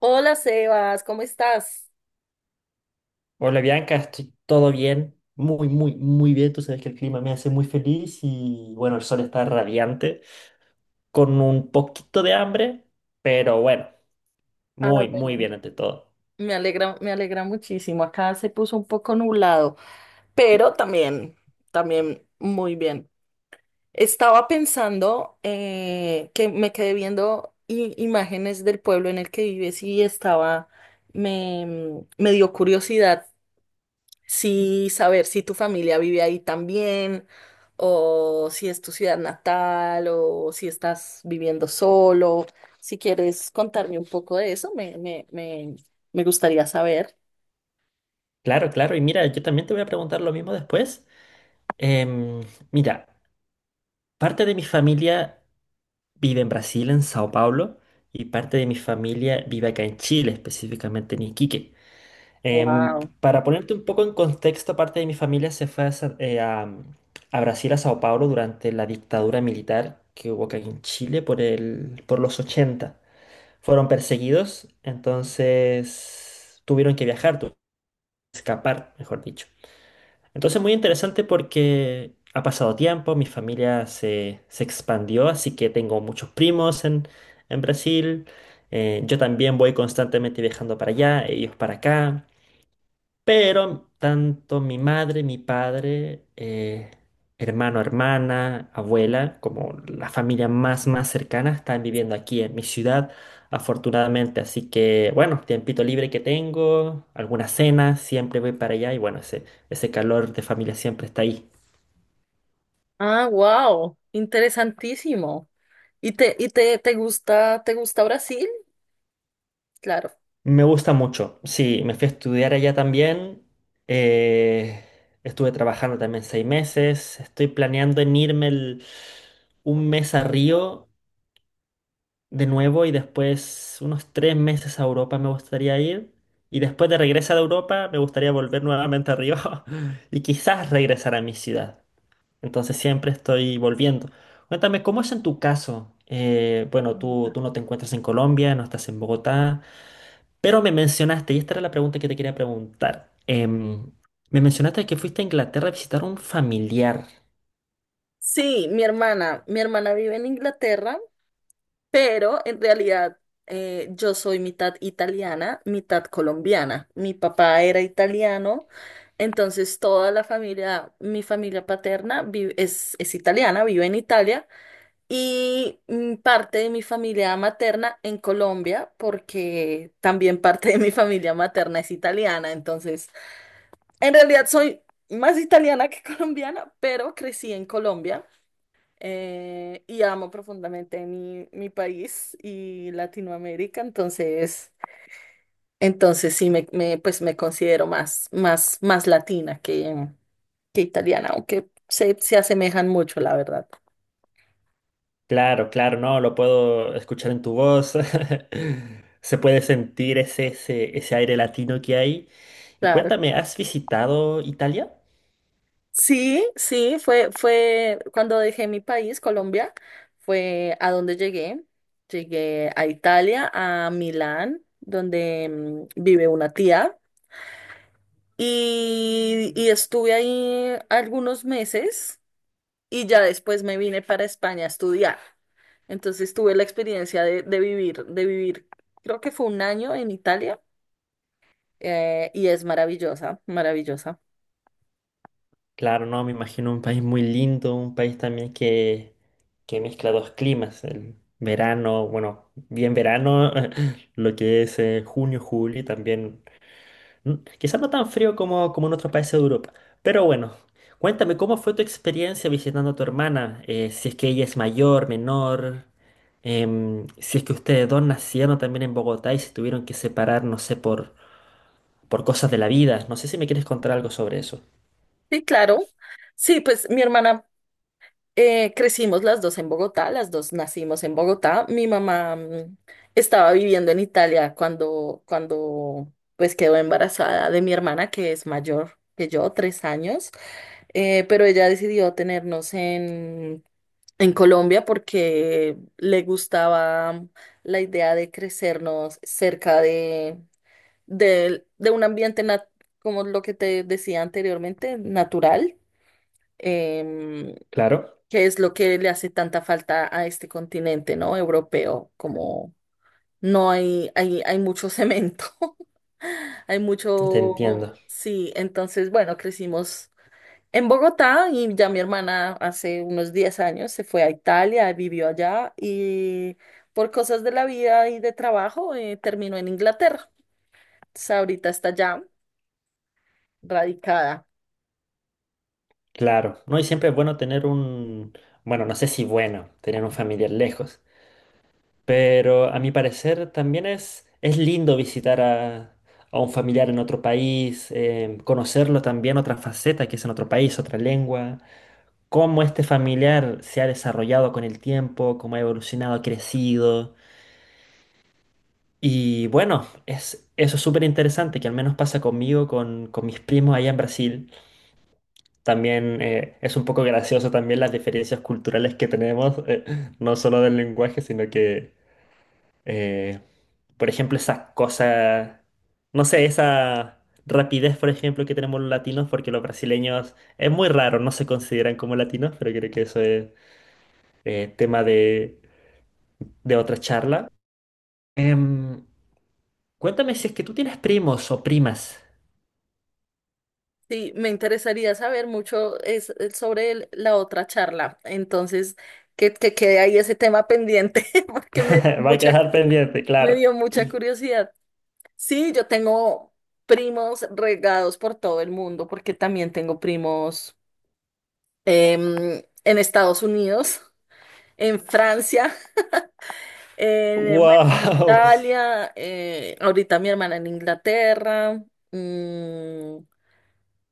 Hola Sebas, ¿cómo estás? Hola Bianca, estoy todo bien, muy, muy, muy bien. Tú sabes que el clima me hace muy feliz y bueno, el sol está radiante, con un poquito de hambre, pero bueno, Ah, muy, muy bueno. bien ante todo. Me alegra muchísimo. Acá se puso un poco nublado, pero también, también muy bien. Estaba pensando que me quedé viendo imágenes del pueblo en el que vives y estaba, me dio curiosidad. Sí, saber si tu familia vive ahí también, o si es tu ciudad natal, o si estás viviendo solo. Si quieres contarme un poco de eso, me gustaría saber. Claro, claro, y mira, yo también te voy a preguntar lo mismo después. Em, mira, parte de mi familia vive en Brasil, en Sao Paulo, y parte de mi familia vive acá en Chile, específicamente en Iquique. Wow. Para ponerte un poco en contexto, parte de mi familia se fue a Brasil, a Sao Paulo, durante la dictadura militar que hubo acá en Chile por el, por los 80. Fueron perseguidos, entonces tuvieron que viajar, tuvieron que escapar, mejor dicho. Entonces muy interesante porque ha pasado tiempo, mi familia se expandió, así que tengo muchos primos en Brasil. Yo también voy constantemente viajando para allá, ellos para acá. Pero tanto mi madre, mi padre, hermano, hermana, abuela, como la familia más, más cercana están viviendo aquí en mi ciudad, afortunadamente. Así que, bueno, tiempito libre que tengo, algunas cenas, siempre voy para allá y bueno, ese calor de familia siempre está ahí. Ah, wow. Interesantísimo. ¿Y te gusta Brasil? Claro. Me gusta mucho. Sí, me fui a estudiar allá también. eh, estuve trabajando también 6 meses. Estoy planeando en irme un mes a Río de nuevo y después unos 3 meses a Europa me gustaría ir. Y después de regresar a Europa me gustaría volver nuevamente a Río y quizás regresar a mi ciudad. Entonces siempre estoy volviendo. Cuéntame, ¿cómo es en tu caso? Bueno, tú, Bogotá. tú no te encuentras en Colombia, no estás en Bogotá, pero me mencionaste, y esta era la pregunta que te quería preguntar. Me mencionaste que fuiste a Inglaterra a visitar a un familiar. Sí, mi hermana vive en Inglaterra. Pero en realidad yo soy mitad italiana, mitad colombiana. Mi papá era italiano, entonces toda la familia, mi familia paterna es italiana, vive en Italia, y parte de mi familia materna en Colombia, porque también parte de mi familia materna es italiana. Entonces, en realidad soy más italiana que colombiana, pero crecí en Colombia, y amo profundamente mi, mi país y Latinoamérica, entonces, entonces sí pues me considero más, más latina que italiana, aunque se asemejan mucho, la verdad. Claro, claro, no, lo puedo escuchar en tu voz. Se puede sentir ese aire latino que hay. Y Claro. cuéntame, ¿has visitado Italia? Sí, sí, fue, fue cuando dejé mi país, Colombia, fue a donde llegué. Llegué a Italia, a Milán, donde vive una tía, y estuve ahí algunos meses. Y ya después me vine para España a estudiar. Entonces tuve la experiencia de vivir, creo que fue 1 año en Italia, y es maravillosa, maravillosa. Claro, no, me imagino un país muy lindo, un país también que mezcla dos climas, el verano, bueno, bien verano, lo que es junio, julio, y también quizás no tan frío como en otros países de Europa. Pero bueno, cuéntame, ¿cómo fue tu experiencia visitando a tu hermana? Si es que ella es mayor, menor, si es que ustedes dos nacieron también en Bogotá y se tuvieron que separar, no sé, por cosas de la vida. No sé si me quieres contar algo sobre eso. Sí, claro. Sí, pues mi hermana, crecimos las dos en Bogotá, las dos nacimos en Bogotá. Mi mamá estaba viviendo en Italia cuando, cuando pues quedó embarazada de mi hermana, que es mayor que yo, 3 años. Pero ella decidió tenernos en Colombia porque le gustaba la idea de crecernos cerca de, de un ambiente, como lo que te decía anteriormente, natural, em, Claro, que es lo que le hace tanta falta a este continente, ¿no? Europeo, como no hay, hay mucho cemento, hay te mucho, entiendo. sí, entonces, bueno, crecimos en Bogotá, y ya mi hermana hace unos 10 años se fue a Italia, vivió allá y por cosas de la vida y de trabajo terminó en Inglaterra. Entonces, ahorita está allá radicada. Claro, ¿no? Y siempre es bueno tener un, bueno, no sé si bueno, tener un familiar lejos. Pero a mi parecer también es lindo visitar a un familiar en otro país, conocerlo también, otra faceta que es en otro país, otra lengua, cómo este familiar se ha desarrollado con el tiempo, cómo ha evolucionado, ha crecido. Y bueno, eso es súper interesante, que al menos pasa conmigo, con mis primos allá en Brasil. También es un poco gracioso también las diferencias culturales que tenemos, no solo del lenguaje, sino que Eh, por ejemplo, esas cosas no sé, esa rapidez, por ejemplo, que tenemos los latinos, porque los brasileños es muy raro, no se consideran como latinos, pero creo que eso es tema de otra charla. Em, cuéntame si es que tú tienes primos o primas. Sí, me interesaría saber mucho es sobre la otra charla. Entonces, que quede ahí ese tema pendiente porque Va a quedar pendiente, me claro. dio mucha curiosidad. Sí, yo tengo primos regados por todo el mundo porque también tengo primos en Estados Unidos, en Francia, en, bueno, en Wow. Italia, ahorita mi hermana en Inglaterra. mm,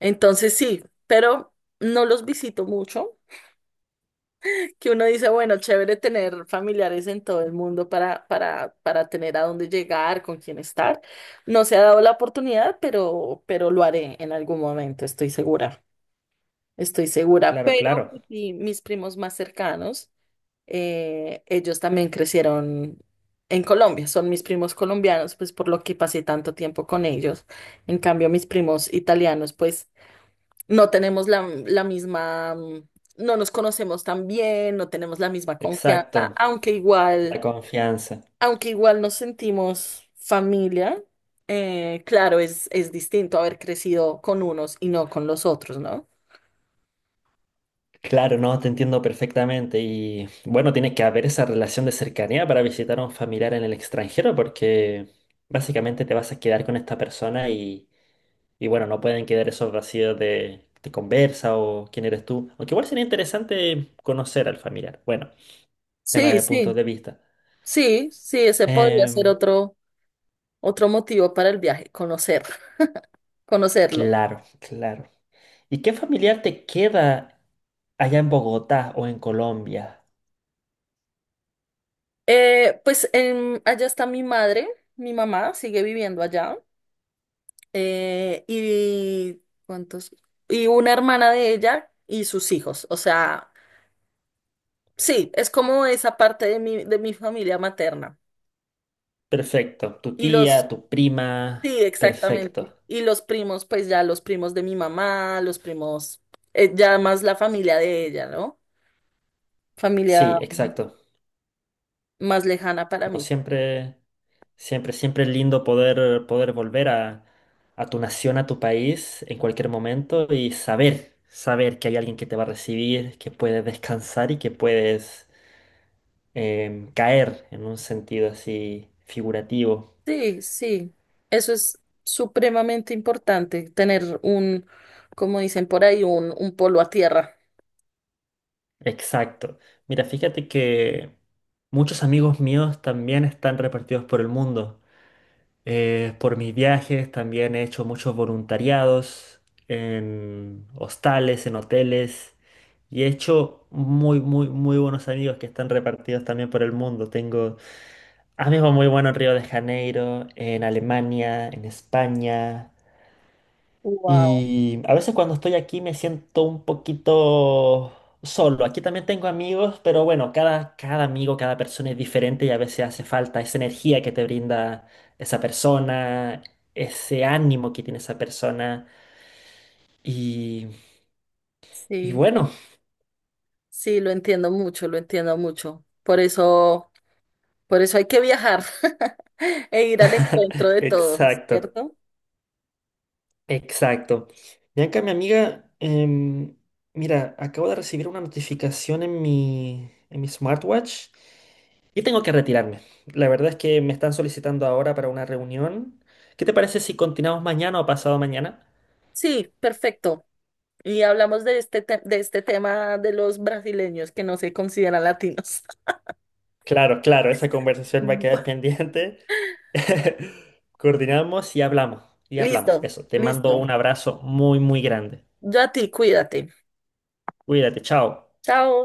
entonces sí, pero no los visito mucho, que uno dice, bueno, chévere tener familiares en todo el mundo para, para tener a dónde llegar, con quién estar. No se ha dado la oportunidad, pero lo haré en algún momento, estoy segura. Estoy segura, Claro, pero claro. sí, mis primos más cercanos. Ellos también crecieron en Colombia, son mis primos colombianos, pues por lo que pasé tanto tiempo con ellos. En cambio, mis primos italianos, pues no tenemos la, la misma, no nos conocemos tan bien, no tenemos la misma confianza, Exacto. La confianza. aunque igual nos sentimos familia. Claro, es distinto haber crecido con unos y no con los otros, ¿no? Claro, no, te entiendo perfectamente. Y bueno, tiene que haber esa relación de cercanía para visitar a un familiar en el extranjero, porque básicamente te vas a quedar con esta persona y bueno, no pueden quedar esos vacíos de conversa o quién eres tú. Aunque igual sería interesante conocer al familiar. Bueno, tema Sí, de puntos sí, de vista. sí, sí, ese podría ser Em, otro. Otro motivo para el viaje, conocer, conocerlo. claro, claro. ¿Y qué familiar te queda allá en Bogotá o en Colombia? Pues allá está mi madre, mi mamá sigue viviendo allá. Y ¿cuántos? Y una hermana de ella y sus hijos. O sea, sí, es como esa parte de mi familia materna. Perfecto. Tu Y los, tía, tu prima. sí, exactamente. Perfecto. Y los primos, pues ya los primos de mi mamá, los primos, ya más la familia de ella, ¿no? Familia Sí, exacto. más lejana para No mí. siempre, siempre, siempre es lindo poder volver a tu nación, a tu país en cualquier momento y saber que hay alguien que te va a recibir, que puedes descansar y que puedes caer en un sentido así figurativo. Sí, sí, eso es supremamente importante, tener un, como dicen por ahí, un polo a tierra. Exacto. Mira, fíjate que muchos amigos míos también están repartidos por el mundo. Por mis viajes también he hecho muchos voluntariados en hostales, en hoteles y he hecho muy, muy, muy buenos amigos que están repartidos también por el mundo. Tengo amigos muy buenos en Río de Janeiro, en Alemania, en España. Wow. Y a veces cuando estoy aquí me siento un poquito solo. Aquí también tengo amigos, pero bueno, cada amigo, cada persona es diferente y a veces hace falta esa energía que te brinda esa persona, ese ánimo que tiene esa persona. Y, y Sí, bueno, sí, lo entiendo mucho, lo entiendo mucho. Por eso hay que viajar e ir al encuentro de todos, exacto. ¿cierto? Exacto. Bianca, mi amiga, mira, acabo de recibir una notificación en mi smartwatch y tengo que retirarme. La verdad es que me están solicitando ahora para una reunión. ¿Qué te parece si continuamos mañana o pasado mañana? Sí, perfecto. Y hablamos de este, de este tema de los brasileños que no se consideran latinos. Claro, claro, esa conversación va a quedar pendiente. Coordinamos y hablamos, y hablamos. Listo, Eso, te mando listo. un abrazo muy, muy grande. Yo a ti, cuídate. Cuídate, chao. Chao.